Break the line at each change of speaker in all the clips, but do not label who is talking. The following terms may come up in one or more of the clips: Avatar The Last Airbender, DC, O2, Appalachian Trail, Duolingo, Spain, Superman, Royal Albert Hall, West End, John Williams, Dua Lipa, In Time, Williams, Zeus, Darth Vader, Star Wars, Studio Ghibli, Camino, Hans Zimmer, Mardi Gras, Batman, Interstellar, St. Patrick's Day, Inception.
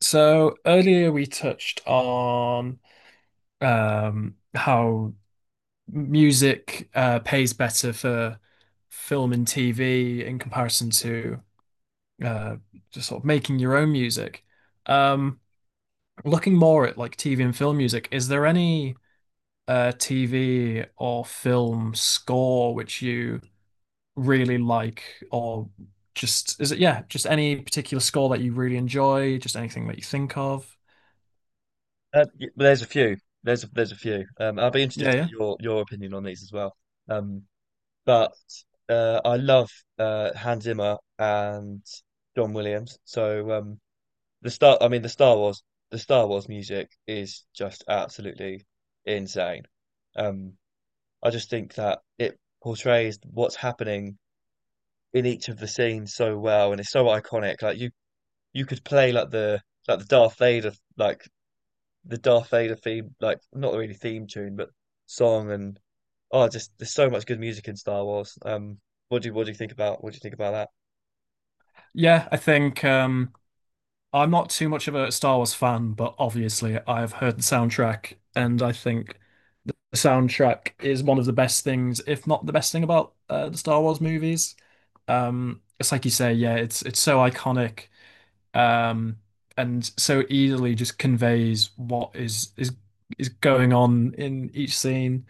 So earlier we touched on how music pays better for film and TV in comparison to uh, just sort of making your own music. Um, Looking more at like TV and film music, is there any TV or film score which you really like, or just is it yeah, just any particular score that you really enjoy, just anything that you think of?
Well, there's a few. There's a few. I'll be interested
Yeah,
to get
yeah.
your opinion on these as well. Um, but I love Hans Zimmer and John Williams. So the Star Wars, the Star Wars music is just absolutely insane. Um, I just think that it portrays what's happening in each of the scenes so well, and it's so iconic. You could play like the Darth Vader like the Darth Vader theme, like not really theme tune, but song, and oh, just there's so much good music in Star Wars. What do you think about what do you think about
Yeah, I think I'm not too much of a Star Wars fan, but obviously I've heard the soundtrack, and I think the soundtrack is one of the best things, if not the best thing about the Star Wars movies. It's like you say, yeah, it's so iconic, um, and so easily just conveys what is is going on in each scene.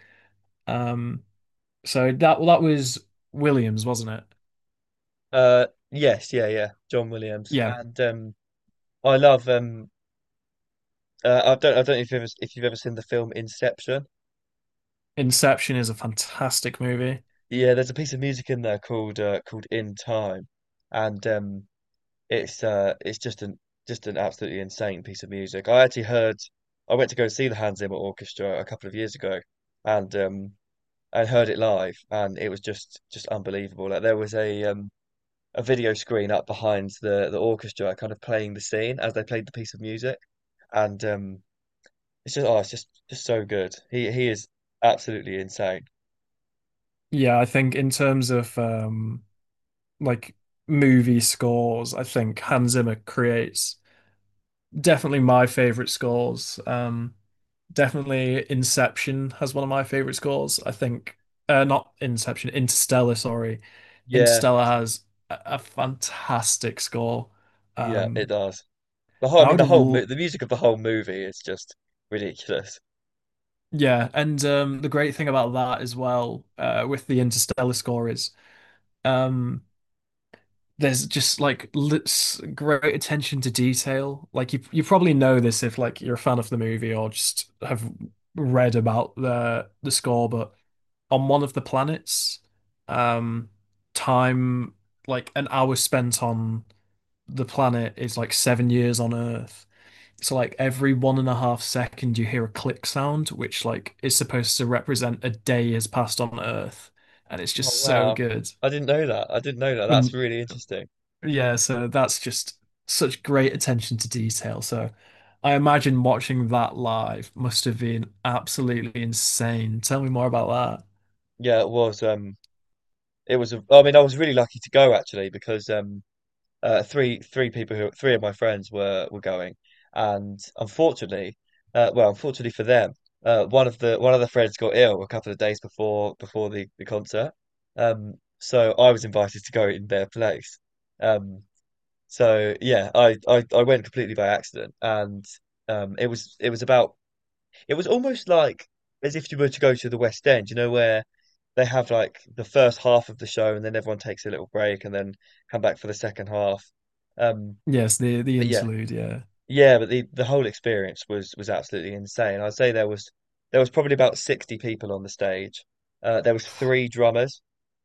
Um, so that well, that was Williams, wasn't it?
that? Yes, yeah, John Williams.
Yeah,
And I love I don't know if you've ever seen the film Inception.
Inception is a fantastic movie.
Yeah, there's a piece of music in there called called In Time, and it's just an absolutely insane piece of music. I actually heard I went to go see the Hans Zimmer Orchestra a couple of years ago, and um, and heard it live, and it was just unbelievable. Like there was a video screen up behind the orchestra, kind of playing the scene as they played the piece of music, and it's it's just so good. He is absolutely insane.
Yeah, I think in terms of like movie scores, I think Hans Zimmer creates definitely my favorite scores. Definitely Inception has one of my favorite scores. I think not Inception, Interstellar, sorry.
Yeah,
Interstellar
That's a,
has a fantastic score.
yeah, it
Um
does. The whole, I
I
mean,
would
the
have
whole mo
l
the music of the whole movie is just ridiculous.
Yeah, and the great thing about that as well with the Interstellar score is um there's just like li- great attention to detail. Like you probably know this if like you're a fan of the movie or just have read about the score. But on one of the planets, um, time like an hour spent on the planet is like 7 years on Earth. So like every one and a half second you hear a click sound, which like is supposed to represent a day has passed on Earth, and it's just
Oh
so
wow,
good.
I didn't know that. I didn't know that. That's
And
really interesting.
yeah, so that's just such great attention to detail. So I imagine watching that live must have been absolutely insane. Tell me more about that.
Yeah, it was. I mean, I was really lucky to go actually because three three people who three of my friends were going, and unfortunately, unfortunately for them, one of the friends got ill a couple of days before the concert, so I was invited to go in their place, um, so yeah, I went completely by accident, and it was almost like as if you were to go to the West End, you know, where they have like the first half of the show and then everyone takes a little break and then come back for the second half. Um,
Yes, the
but yeah,
interlude, yeah.
yeah, but the whole experience was absolutely insane. I'd say there was probably about 60 people on the stage. There was three drummers,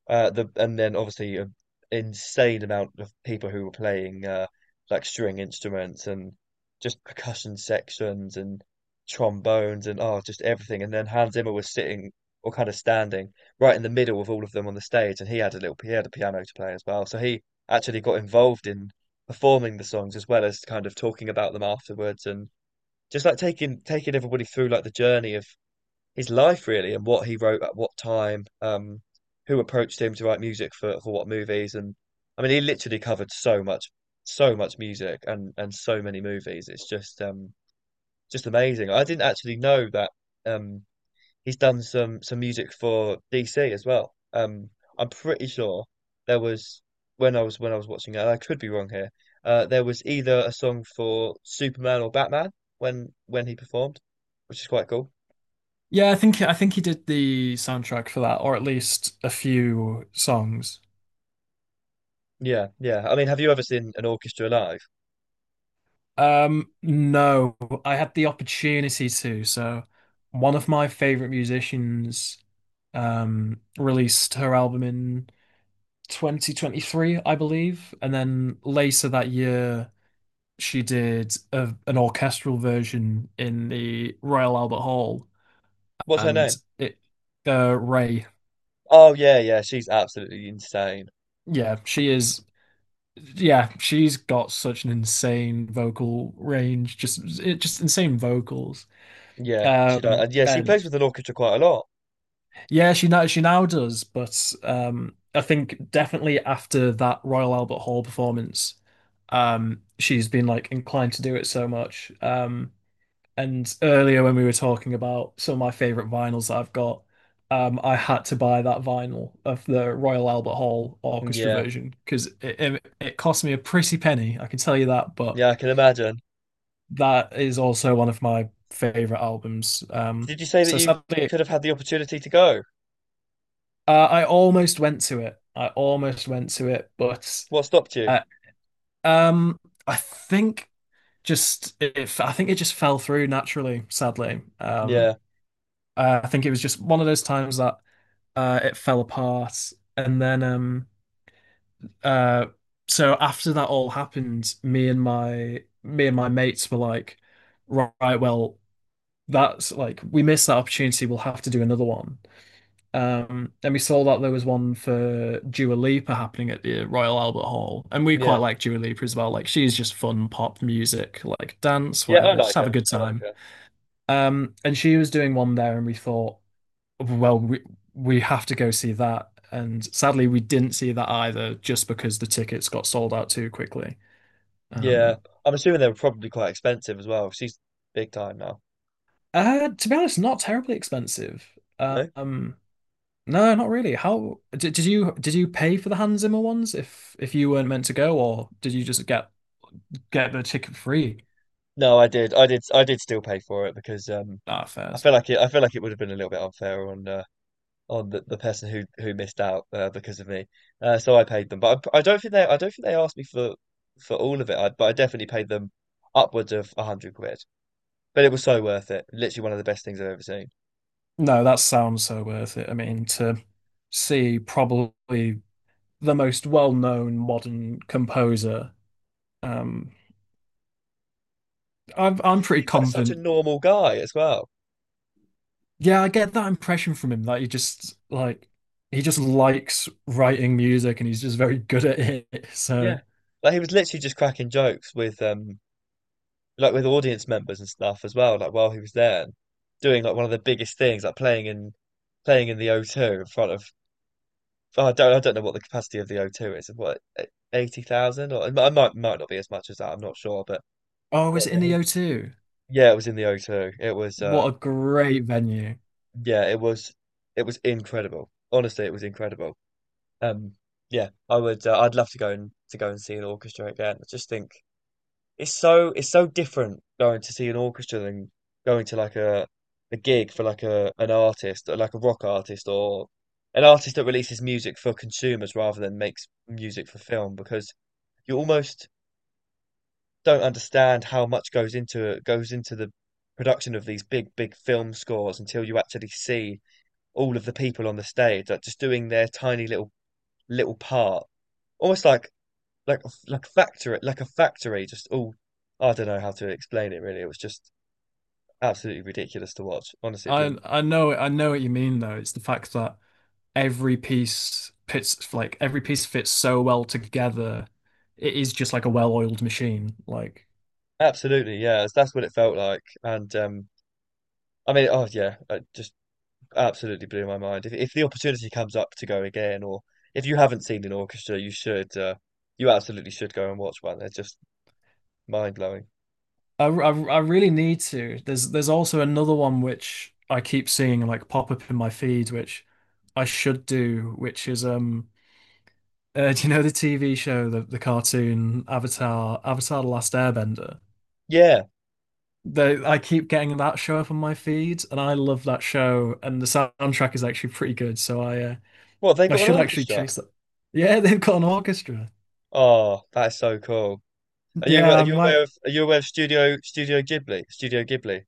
the and then obviously an insane amount of people who were playing like string instruments and just percussion sections and trombones and oh just everything. And then Hans Zimmer was sitting or kind of standing right in the middle of all of them on the stage, and he had a piano to play as well. So he actually got involved in performing the songs as well as kind of talking about them afterwards and just like taking everybody through like the journey of his life really and what he wrote at what time, who approached him to write music for what movies. And I mean he literally covered so much music and so many movies. It's just amazing. I didn't actually know that um he's done some music for DC as well. I'm pretty sure there was when I was watching it, and I could be wrong here. There was either a song for Superman or Batman when he performed, which is quite cool.
Yeah, I think he did the soundtrack for that, or at least a few songs.
Yeah, yeah. I mean, have you ever seen an orchestra live?
No, I had the opportunity to. So one of my favorite musicians released her album in 2023, I believe. And then later that year, she did an orchestral version in the Royal Albert Hall.
What's her
And
name?
it, Ray,
Oh yeah, yeah. She's absolutely insane.
yeah, she is, yeah, she's got such an insane vocal range, just, it, just insane vocals.
Yeah, she does. And yeah, she plays
And
with an orchestra quite a lot.
yeah, she now does, but I think definitely after that Royal Albert Hall performance, she's been like inclined to do it so much. And earlier when we were talking about some of my favorite vinyls that I've got, I had to buy that vinyl of the Royal Albert Hall
Mm,
orchestra
yeah,
version because it cost me a pretty penny, I can tell you that. But
yeah. I can imagine.
that is also one of my favorite albums.
Did you say that
So
you
sadly,
could have had the opportunity to go?
uh, I almost went to it. I almost went to it, but
What stopped you?
uh, um, I think just if I think it just fell through naturally, sadly.
Yeah,
I think it was just one of those times that it fell apart, and then uh, so after that all happened, me and my mates were like, right, well, that's like we missed that opportunity. We'll have to do another one. And we saw that there was one for Dua Lipa happening at the Royal Albert Hall, and we quite
yeah.
like Dua Lipa as well. Like she's just fun pop music, like dance,
Yeah, I
whatever, just
like
have a
her.
good
I like
time.
her.
And she was doing one there, and we thought, well, we have to go see that. And sadly, we didn't see that either, just because the tickets got sold out too quickly.
Yeah,
Um,
I'm assuming they were probably quite expensive as well. She's big time now.
to be honest, not terribly expensive.
No,
Um, No, not really. How did you pay for the Hans Zimmer ones if you weren't meant to go, or did you just get the ticket free?
no, I did still pay for it because
Ah, fairs?
I feel like it would have been a little bit unfair on the person who missed out because of me. So I paid them, but I don't think they asked me for all of it. But I definitely paid them upwards of £100. But it was so worth it. Literally one of the best things I've ever seen.
No, that sounds so worth it. I mean, to see probably the most well-known modern composer. Um,
It
I'm
just
pretty
seemed like such a
confident.
normal guy as well.
Yeah, I get that impression from him that he just like he just likes writing music and he's just very good at it. So,
Yeah. Like he was literally just cracking jokes with like with audience members and stuff as well, like while he was there and doing like one of the biggest things, like playing in the O two in front of oh, I don't know what the capacity of the O two is. What, 80,000? Or it might might not be as much as that, I'm not sure. But
oh,
God,
is it in
yeah,
the O2?
it was in the O two. It was
What a great venue.
Yeah, it was incredible. Honestly, it was incredible. Um yeah, I would I'd love to go and see an orchestra again. I just think it's it's so different going to see an orchestra than going to a gig for like a an artist, or like a rock artist or an artist that releases music for consumers rather than makes music for film, because you almost don't understand how much goes into the production of these big, big film scores until you actually see all of the people on the stage, like just doing their tiny little little part. Almost like like factory like a factory, just all. I don't know how to explain it, really. It was just absolutely ridiculous to watch. Honestly, it blew
I
me.
I know I know what you mean though. It's the fact that every piece fits like every piece fits so well together. It is just like a well-oiled machine. Like
Absolutely, yeah, that's what it felt like. And I mean oh yeah, it just absolutely blew my mind. If the opportunity comes up to go again, or if you haven't seen an orchestra, you should you absolutely should go and watch one. They're just mind blowing.
I really need to. There's also another one which I keep seeing like pop up in my feed, which I should do, which is do you know the TV show the cartoon Avatar Avatar The Last Airbender?
Yeah,
They, I keep getting that show up on my feed, and I love that show. And the soundtrack is actually pretty good, so
what, they
I
got an
should actually
orchestra?
chase that. Yeah, they've got an orchestra.
Oh, that's so cool. Are you
Yeah, I might.
are you aware of Studio Ghibli?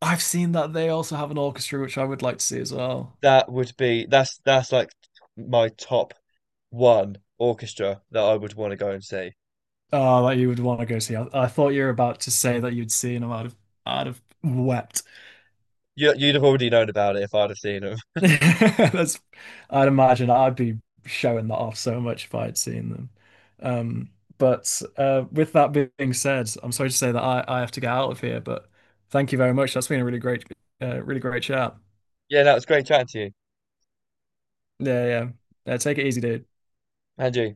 I've seen that they also have an orchestra, which I would like to see as well.
That would be that's like my top one orchestra that I would want to go and see.
Oh, that you would want to go see. I thought you were about to say that you'd seen them. I'd have wept.
You, you'd have already known about it if I'd have seen them.
That's, I'd imagine I'd be showing that off so much if I'd seen them. Um, but with that being said, I'm sorry to say that I have to get out of here, but thank you very much. That's been a really great, really great chat.
Yeah, that was great chatting to you,
Yeah, yeah. Yeah, take it easy, dude.
Andrew.